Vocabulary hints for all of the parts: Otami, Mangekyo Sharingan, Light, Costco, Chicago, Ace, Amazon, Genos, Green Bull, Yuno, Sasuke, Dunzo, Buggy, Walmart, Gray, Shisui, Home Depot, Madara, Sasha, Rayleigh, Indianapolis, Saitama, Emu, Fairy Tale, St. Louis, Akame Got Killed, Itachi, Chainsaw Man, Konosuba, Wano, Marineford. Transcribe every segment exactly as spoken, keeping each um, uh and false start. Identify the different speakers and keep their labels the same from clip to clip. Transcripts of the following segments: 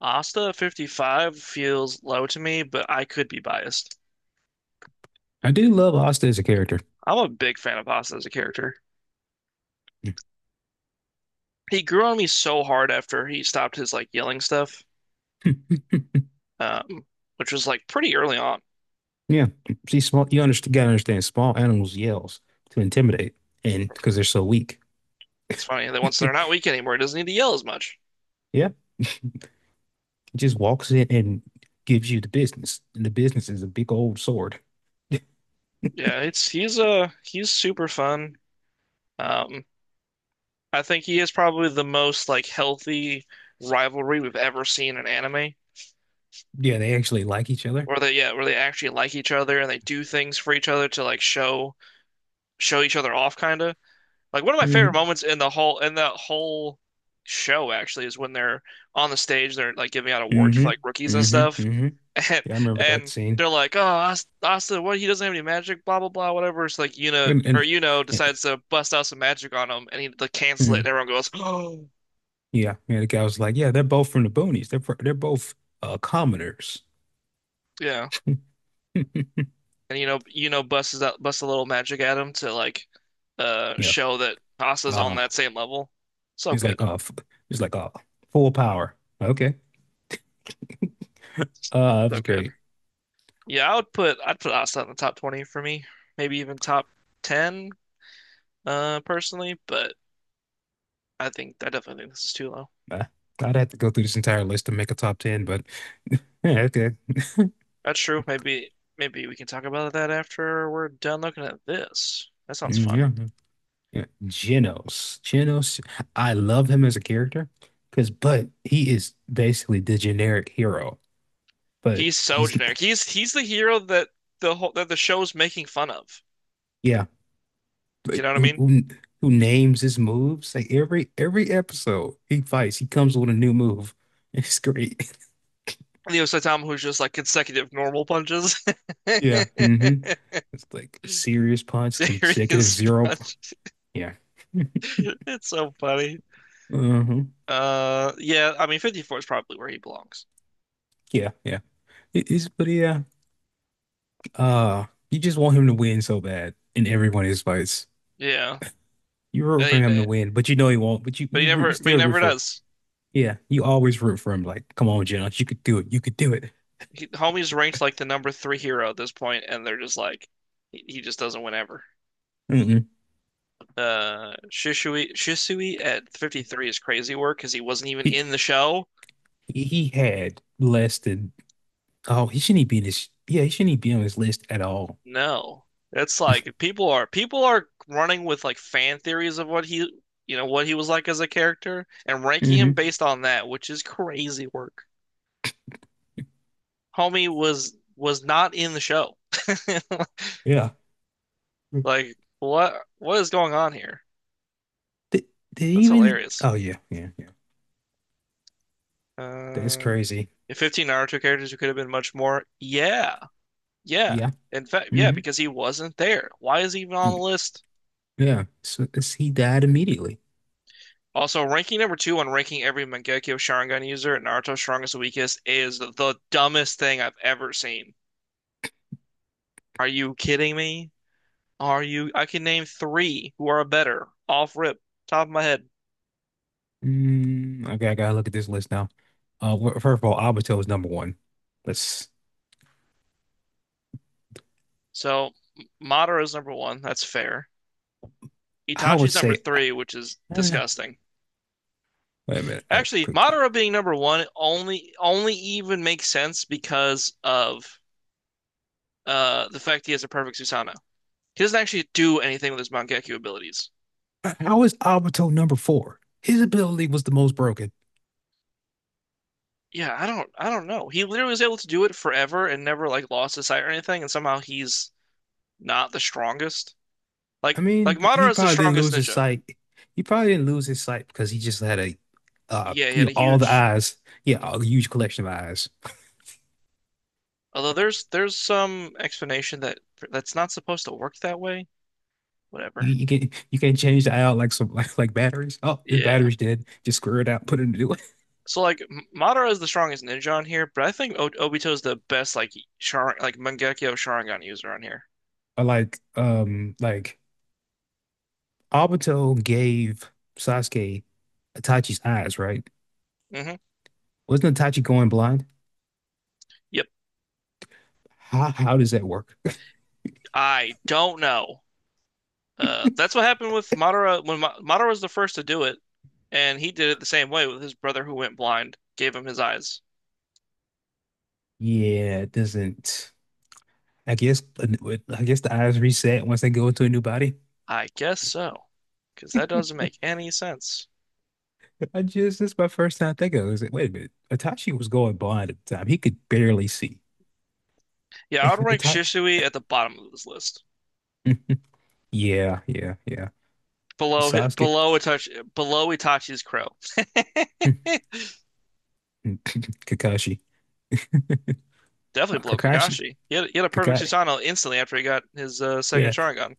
Speaker 1: Asta fifty-five feels low to me, but I could be biased.
Speaker 2: I do love Asta as a character.
Speaker 1: I'm a big fan of Asta as a character. He grew on me so hard after he stopped his like yelling stuff, um, which was like pretty early on.
Speaker 2: Yeah, she's small. You understand, gotta understand, small animals yells to intimidate, and because they're so weak.
Speaker 1: That's funny that once they're not weak anymore, he doesn't need to yell as much.
Speaker 2: Yeah, just walks in and gives you the business, and the business is a big old sword.
Speaker 1: Yeah, it's he's uh he's super fun. Um, I think he is probably the most like healthy rivalry we've ever seen in anime,
Speaker 2: Yeah, they actually like each other.
Speaker 1: where they yeah where they actually like each other and they do things for each other to like show show each other off kind of. Like one of my favorite
Speaker 2: Hmm.
Speaker 1: moments in the whole in the whole show actually is when they're on the stage, they're like giving out awards
Speaker 2: Hmm.
Speaker 1: for like rookies
Speaker 2: Hmm.
Speaker 1: and stuff,
Speaker 2: Hmm.
Speaker 1: and
Speaker 2: Yeah, I remember that
Speaker 1: and
Speaker 2: scene.
Speaker 1: they're like, "Oh, Ast- Asta, what? He doesn't have any magic, blah blah blah, whatever." It's like Yuna
Speaker 2: And
Speaker 1: or
Speaker 2: and,
Speaker 1: Yuno
Speaker 2: and
Speaker 1: decides to bust out some magic on him, and he like cancel it, and
Speaker 2: mhm.
Speaker 1: everyone goes, "Oh,
Speaker 2: Yeah, yeah, the guy was like, "Yeah, they're both from the boonies. They're fr- they're both uh commoners."
Speaker 1: yeah." And you know, you know, busts out busts a little magic at him to like uh
Speaker 2: Yeah.
Speaker 1: show that Asta's on
Speaker 2: Uh,
Speaker 1: that same level. So
Speaker 2: he's like,
Speaker 1: good,
Speaker 2: "Uh, f- he's like, uh, "Full power." Okay. Uh, it
Speaker 1: so
Speaker 2: was
Speaker 1: good.
Speaker 2: great.
Speaker 1: Yeah, I would put I'd put Asta in the top twenty for me, maybe even top ten, uh, personally, but I think I definitely think this is too low.
Speaker 2: Uh, I'd have to go through this entire list to make a top ten, but yeah, okay.
Speaker 1: That's true. Maybe maybe we can talk about that after we're done looking at this. That sounds
Speaker 2: Mm,
Speaker 1: fun.
Speaker 2: yeah. Yeah. Genos. Genos. I love him as a character because, but he is basically the generic hero, but
Speaker 1: He's so
Speaker 2: he's,
Speaker 1: generic. He's he's the hero that the whole that the show's making fun of.
Speaker 2: yeah,
Speaker 1: You
Speaker 2: but
Speaker 1: know what I
Speaker 2: who,
Speaker 1: mean?
Speaker 2: who, who names his moves? Like every, every episode he fights, he comes with a new move. It's great.
Speaker 1: Leo Saitama, who's just like consecutive normal punches,
Speaker 2: Yeah. Mm-hmm. It's like serious punch, consecutive
Speaker 1: serious
Speaker 2: zero.
Speaker 1: punch.
Speaker 2: Yeah.
Speaker 1: It's so funny.
Speaker 2: Mm-hmm.
Speaker 1: Uh, yeah, I mean, fifty-four is probably where he belongs.
Speaker 2: Yeah, yeah. It is, but yeah. Uh, you just want him to win so bad in every one of his fights.
Speaker 1: Yeah.
Speaker 2: You
Speaker 1: And
Speaker 2: root for him
Speaker 1: he-
Speaker 2: to win, but you know he won't. But you
Speaker 1: But he
Speaker 2: you, root, you
Speaker 1: never, but he
Speaker 2: still root
Speaker 1: never
Speaker 2: for.
Speaker 1: does.
Speaker 2: Yeah, you always root for him. Like, come on, Jones, you could do it. You could do it.
Speaker 1: He, homie's ranked like the number three hero at this point, and they're just like, he, he just doesn't win ever.
Speaker 2: Mm-mm.
Speaker 1: Uh, Shisui, Shisui at fifty-three is crazy work because he wasn't even in
Speaker 2: He
Speaker 1: the show.
Speaker 2: he he had less than. Oh, he shouldn't be in his. Yeah, he shouldn't be on his list at all.
Speaker 1: No, that's like people are people are running with like fan theories of what he, you know, what he was like as a character and ranking him
Speaker 2: Hmm.
Speaker 1: based on that, which is crazy work. Homie was was not in the show.
Speaker 2: Yeah.
Speaker 1: Like, what what is going on here?
Speaker 2: Did, did he
Speaker 1: That's
Speaker 2: even?
Speaker 1: hilarious.
Speaker 2: Oh yeah, yeah, yeah. That's
Speaker 1: Uh,
Speaker 2: crazy.
Speaker 1: if fifteen Naruto characters, it could have been much more. Yeah, yeah.
Speaker 2: Yeah.
Speaker 1: In fact, yeah,
Speaker 2: Hmm.
Speaker 1: because he wasn't there. Why is he even on the list?
Speaker 2: Yeah. So it's, he died immediately.
Speaker 1: Also, ranking number two on ranking every Mangekyo Sharingan user at Naruto's strongest and weakest is the dumbest thing I've ever seen. Are you kidding me? Are you? I can name three who are better off rip, top of my head.
Speaker 2: Mm, okay, I gotta look at this list now. Uh, wh- first of all, Obito is number one. Let's.
Speaker 1: So, Madara's number one. That's fair.
Speaker 2: I would
Speaker 1: Itachi's number
Speaker 2: say.
Speaker 1: three, which is
Speaker 2: eh,
Speaker 1: disgusting.
Speaker 2: Wait a minute. Uh,
Speaker 1: Actually,
Speaker 2: quick.
Speaker 1: Madara being number one only only even makes sense because of uh the fact he has a perfect Susanoo. He doesn't actually do anything with his Mangekyou abilities.
Speaker 2: Uh, How is Obito number four? His ability was the most broken.
Speaker 1: Yeah, I don't I don't know. He literally was able to do it forever and never like lost his sight or anything, and somehow he's not the strongest.
Speaker 2: I
Speaker 1: Like like
Speaker 2: mean, he
Speaker 1: Madara's the
Speaker 2: probably didn't
Speaker 1: strongest
Speaker 2: lose his
Speaker 1: ninja.
Speaker 2: sight. He probably didn't lose his sight because he just had a, uh,
Speaker 1: Yeah, he
Speaker 2: you
Speaker 1: had a
Speaker 2: know, all the
Speaker 1: huge.
Speaker 2: eyes. Yeah, a huge collection of eyes.
Speaker 1: Although there's there's some explanation that that's not supposed to work that way.
Speaker 2: You
Speaker 1: Whatever.
Speaker 2: you can you can not change the eye out like some like like batteries. Oh, this
Speaker 1: Yeah.
Speaker 2: battery's dead. Just screw it out. Put it in a new one.
Speaker 1: So like M- Madara is the strongest ninja on here, but I think o Obito is the best like Shar like Mangekyo Sharingan user on here.
Speaker 2: Or like um like. Obito gave Sasuke Itachi's eyes, right?
Speaker 1: Hmm
Speaker 2: Wasn't Itachi going blind?
Speaker 1: Yep.
Speaker 2: How how does that work?
Speaker 1: I don't know. Uh, that's what happened with Madara when Ma Madara was the first to do it, and he did it the same way with his brother who went blind, gave him his eyes.
Speaker 2: Yeah, it doesn't. I guess I guess the eyes reset once they go into a new body.
Speaker 1: I guess so, because that doesn't make any sense.
Speaker 2: I just this is my first time thinking. Of it. I was like, wait a minute, Itachi was going blind at the time. He could barely see.
Speaker 1: Yeah, I would rank
Speaker 2: Itachi.
Speaker 1: Shisui at the bottom of this list,
Speaker 2: Mm. Yeah, yeah, yeah.
Speaker 1: below hi-
Speaker 2: Sasuke.
Speaker 1: below Itachi, below Itachi's crow.
Speaker 2: Mm. Kakashi.
Speaker 1: definitely
Speaker 2: Uh,
Speaker 1: blow
Speaker 2: Kakashi.
Speaker 1: Kakashi. He had, he had a perfect
Speaker 2: Kakashi.
Speaker 1: Susanoo instantly after he got his uh, second
Speaker 2: Yeah.
Speaker 1: Sharingan.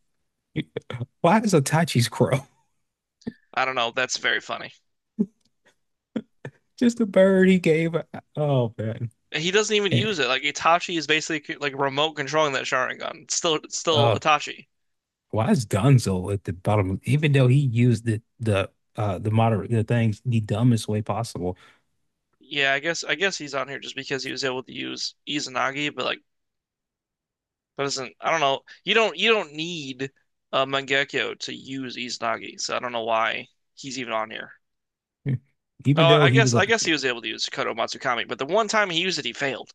Speaker 2: Why is Itachi's crow?
Speaker 1: I don't know. That's very funny.
Speaker 2: Just a bird he gave. A- Oh man.
Speaker 1: He doesn't even
Speaker 2: Yeah.
Speaker 1: use it. Like Itachi is basically like remote controlling that Sharingan. It's still, it's still
Speaker 2: Uh,
Speaker 1: Itachi.
Speaker 2: why is Dunzo at the bottom? Even though he used the the uh the moderate the things the dumbest way possible.
Speaker 1: Yeah, I guess I guess he's on here just because he was able to use Izanagi, but like that doesn't. I don't know. You don't you don't need uh, Mangekyo to use Izanagi, so I don't know why he's even on here.
Speaker 2: Even
Speaker 1: Oh,
Speaker 2: though
Speaker 1: I
Speaker 2: he
Speaker 1: guess
Speaker 2: was a
Speaker 1: I guess he was able to use Kodo Matsukami, but the one time he used it, he failed.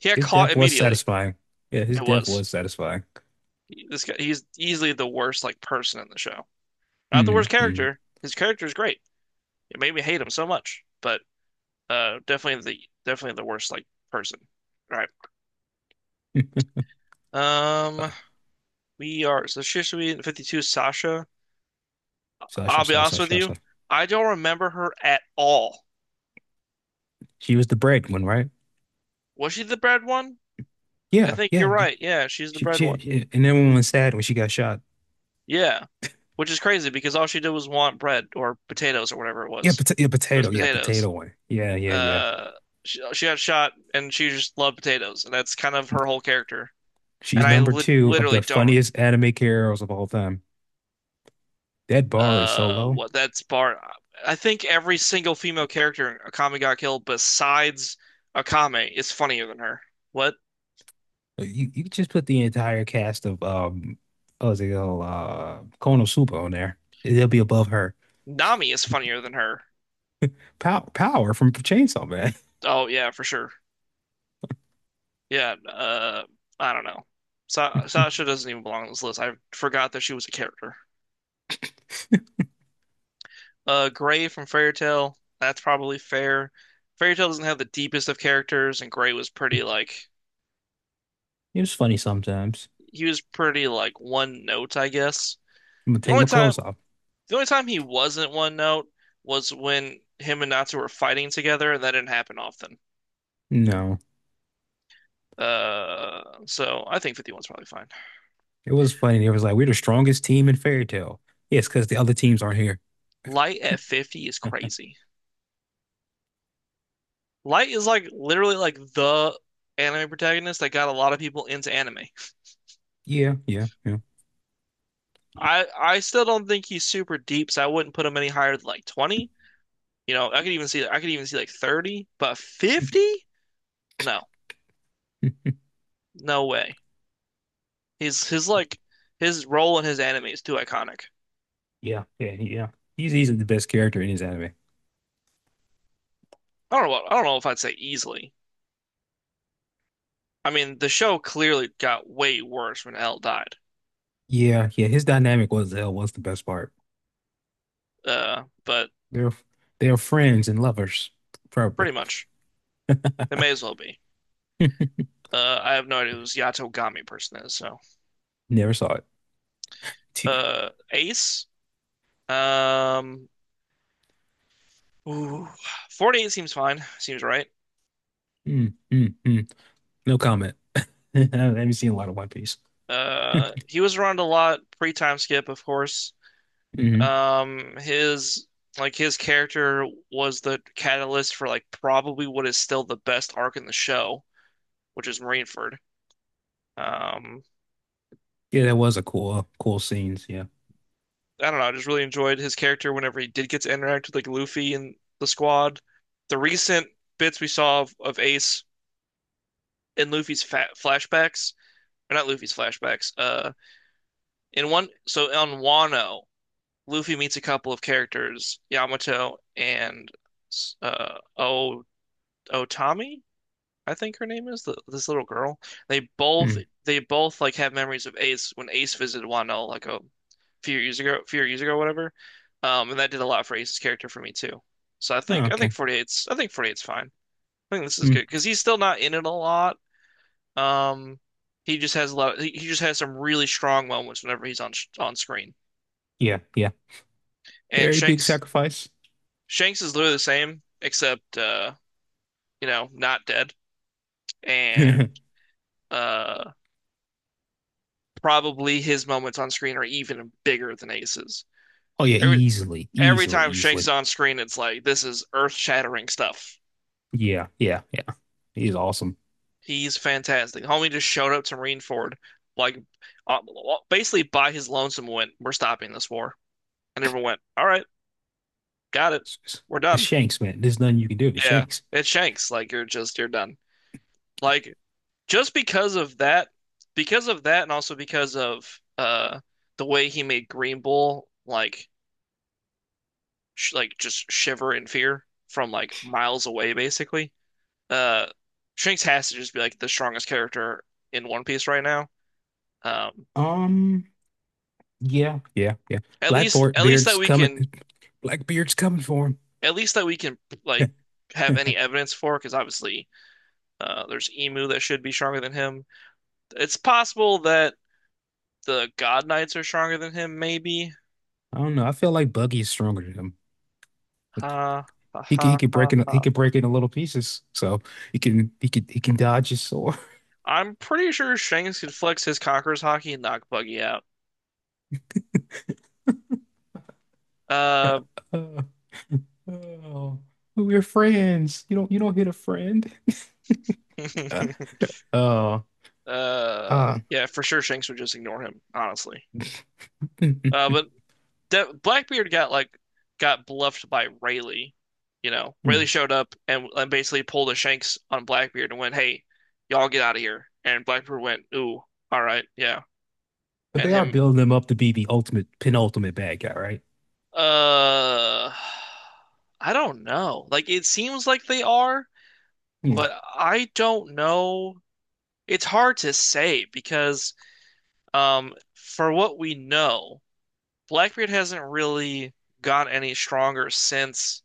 Speaker 1: He got
Speaker 2: his
Speaker 1: caught
Speaker 2: death was
Speaker 1: immediately.
Speaker 2: satisfying. Yeah, his
Speaker 1: It
Speaker 2: death
Speaker 1: was.
Speaker 2: was satisfying.
Speaker 1: He- This guy, he's easily the worst like person in the show. Not the worst
Speaker 2: Mm-hmm.
Speaker 1: character. His character is great. It made me hate him so much, but uh, definitely the definitely the worst like person. All right.
Speaker 2: Uh,
Speaker 1: Um, we are so Shisui and fifty-two Sasha.
Speaker 2: Sasha,
Speaker 1: I'll be honest
Speaker 2: Sasha,
Speaker 1: with you,
Speaker 2: Sasha.
Speaker 1: I don't remember her at all.
Speaker 2: She was the bread one, right?
Speaker 1: Was she the bread one? I
Speaker 2: Yeah,
Speaker 1: think you're
Speaker 2: yeah.
Speaker 1: right. Yeah, she's the
Speaker 2: She,
Speaker 1: bread
Speaker 2: she,
Speaker 1: one.
Speaker 2: she, and everyone was sad when she got shot.
Speaker 1: Yeah, which is crazy because all she did was want bread or potatoes or whatever it
Speaker 2: Yeah,
Speaker 1: was.
Speaker 2: pota yeah,
Speaker 1: It was
Speaker 2: potato. Yeah,
Speaker 1: potatoes.
Speaker 2: potato one. Yeah, yeah, yeah.
Speaker 1: uh she, she got shot and she just loved potatoes and that's kind of her whole character
Speaker 2: She's
Speaker 1: and I
Speaker 2: number
Speaker 1: li
Speaker 2: two of
Speaker 1: literally
Speaker 2: the
Speaker 1: don't
Speaker 2: funniest anime characters of all time. That bar is so
Speaker 1: uh
Speaker 2: low.
Speaker 1: what that's part. I think every single female character in Akame Got Killed besides Akame is funnier than her what
Speaker 2: Uh, You you could just put the entire cast of um what's it called uh Konosuba on there. It'll be above her.
Speaker 1: Nami is funnier than her
Speaker 2: Pow power from Chainsaw Man.
Speaker 1: oh yeah for sure yeah uh I don't know Sa Sasha doesn't even belong on this list I forgot that she was a character. Uh, Gray from Fairy Tail. That's probably fair. Fairy Tail doesn't have the deepest of characters, and Gray was pretty like
Speaker 2: It was funny sometimes.
Speaker 1: he was pretty like one note, I guess.
Speaker 2: I'm gonna
Speaker 1: The
Speaker 2: take
Speaker 1: only
Speaker 2: my clothes
Speaker 1: time
Speaker 2: off.
Speaker 1: the only time he wasn't one note was when him and Natsu were fighting together, and that didn't happen often.
Speaker 2: No,
Speaker 1: Uh, so I think fifty one's probably fine.
Speaker 2: it was funny. It was like we're the strongest team in Fairy Tale. Yes, because the other teams aren't here.
Speaker 1: Light at fifty is crazy. Light is like literally like the anime protagonist that got a lot of people into anime.
Speaker 2: Yeah, yeah, yeah,
Speaker 1: I I still don't think he's super deep, so I wouldn't put him any higher than like twenty. You know, I could even see I could even see like thirty, but fifty? No. No way. He's his like his role in his anime is too iconic.
Speaker 2: yeah, yeah, yeah. He's easily the best character in his anime.
Speaker 1: I don't know what, I don't know if I'd say easily. I mean, the show clearly got way worse when L died.
Speaker 2: Yeah, yeah. His dynamic was uh, was the best part.
Speaker 1: Uh, but
Speaker 2: They're they're friends and lovers, probably.
Speaker 1: pretty much it may as well be. Uh, I have no idea who this Yato Gami person is, so
Speaker 2: Never saw it. T
Speaker 1: uh Ace. Um ooh, forty-eight seems fine. Seems right.
Speaker 2: mm, mm, mm. No comment. I haven't seen a lot of One Piece.
Speaker 1: Uh, he was around a lot pre-time skip, of course.
Speaker 2: Hmm.
Speaker 1: Um, his like his character was the catalyst for like probably what is still the best arc in the show, which is Marineford. Um,
Speaker 2: Yeah, that was a cool, uh, cool scenes. Yeah.
Speaker 1: I don't know, I just really enjoyed his character whenever he did get to interact with like Luffy and the squad. The recent bits we saw of, of Ace in Luffy's fa flashbacks, or not Luffy's flashbacks. Uh, in one, so on Wano, Luffy meets a couple of characters, Yamato and uh, O Otami. I think her name is the, this little girl. They both
Speaker 2: Mm.
Speaker 1: they both like have memories of Ace when Ace visited Wano like a few years ago, few years ago, whatever. Um, and that did a lot for Ace's character for me too. So I
Speaker 2: Oh,
Speaker 1: think I think
Speaker 2: okay.
Speaker 1: forty-eight's I think forty-eight's fine. I think this is
Speaker 2: Mm.
Speaker 1: good because he's still not in it a lot. Um, he just has a lot. He he just has some really strong moments whenever he's on sh- on screen.
Speaker 2: Yeah, yeah.
Speaker 1: And
Speaker 2: Very big
Speaker 1: Shanks
Speaker 2: sacrifice.
Speaker 1: Shanks is literally the same except uh, you know not dead and uh. probably his moments on screen are even bigger than Ace's.
Speaker 2: Oh yeah,
Speaker 1: Every,
Speaker 2: easily,
Speaker 1: every
Speaker 2: easily,
Speaker 1: time Shank's
Speaker 2: easily.
Speaker 1: on screen, it's like this is earth-shattering stuff.
Speaker 2: Yeah, yeah, yeah. He's awesome.
Speaker 1: He's fantastic. Homie just showed up to Marineford, like uh, basically by his lonesome went, "We're stopping this war," and everyone went, "All right, got it,
Speaker 2: It's, it's-
Speaker 1: we're
Speaker 2: it's
Speaker 1: done."
Speaker 2: Shanks, man. There's nothing you can do to
Speaker 1: Yeah,
Speaker 2: Shanks.
Speaker 1: it's Shanks. Like you're just you're done. Like just because of that, because of that, and also because of uh the way he made Green Bull like sh like just shiver in fear from like miles away, basically. Uh, Shanks has to just be like the strongest character in One Piece right now. Um,
Speaker 2: Um. Yeah, yeah, yeah.
Speaker 1: at least at least
Speaker 2: Blackbeard's
Speaker 1: that we
Speaker 2: coming.
Speaker 1: can
Speaker 2: Blackbeard's coming for him.
Speaker 1: at least that we can like have any evidence for, because obviously uh, there's Emu that should be stronger than him. It's possible that the God Knights are stronger than him, maybe.
Speaker 2: I don't know. I feel like Buggy's stronger than him.
Speaker 1: Ha ha
Speaker 2: He
Speaker 1: ha
Speaker 2: can he can
Speaker 1: ha
Speaker 2: break in.
Speaker 1: ha.
Speaker 2: He can break it into little pieces. So he can he can he can dodge his sword.
Speaker 1: I'm pretty sure Shanks could flex his Conqueror's hockey and knock Buggy out. Uh,
Speaker 2: Oh, we're friends. You don't you don't hit a friend. Oh,
Speaker 1: Uh,
Speaker 2: uh,
Speaker 1: yeah, for sure, Shanks would just ignore him, honestly. Uh, but De Blackbeard got like got bluffed by Rayleigh. You know,
Speaker 2: but
Speaker 1: Rayleigh showed up and, and basically pulled a Shanks on Blackbeard and went, "Hey, y'all get out of here." And Blackbeard went, "Ooh, all right, yeah." And
Speaker 2: they are
Speaker 1: him,
Speaker 2: building him up to be the ultimate penultimate bad guy, right?
Speaker 1: uh, I don't know. Like it seems like they are,
Speaker 2: Mm-hmm.
Speaker 1: but I don't know. It's hard to say because, um, for what we know, Blackbeard hasn't really got any stronger since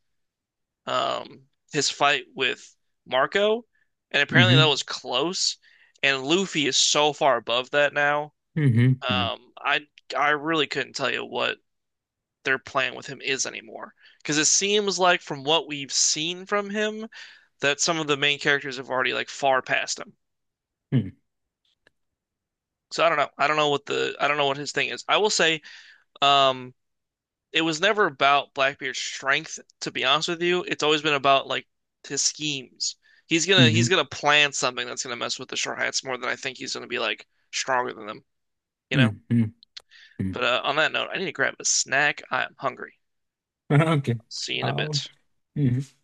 Speaker 1: um, his fight with Marco, and apparently that
Speaker 2: Mm-hmm.
Speaker 1: was close. And Luffy is so far above that now.
Speaker 2: Mm-hmm.
Speaker 1: Um, I I really couldn't tell you what their plan with him is anymore, because it seems like from what we've seen from him, that some of the main characters have already like far past him. So I don't know. I don't know what the I don't know what his thing is. I will say, um, it was never about Blackbeard's strength, to be honest with you. It's always been about like his schemes. He's gonna he's
Speaker 2: Mm-hmm.
Speaker 1: gonna plan something that's gonna mess with the Straw Hats more than I think he's gonna be like stronger than them, you know?
Speaker 2: Mm-hmm.
Speaker 1: But uh, on that note, I need to grab a snack. I'm hungry.
Speaker 2: Mm-hmm. Okay.
Speaker 1: See you in a
Speaker 2: I'll.
Speaker 1: bit.
Speaker 2: Mhm.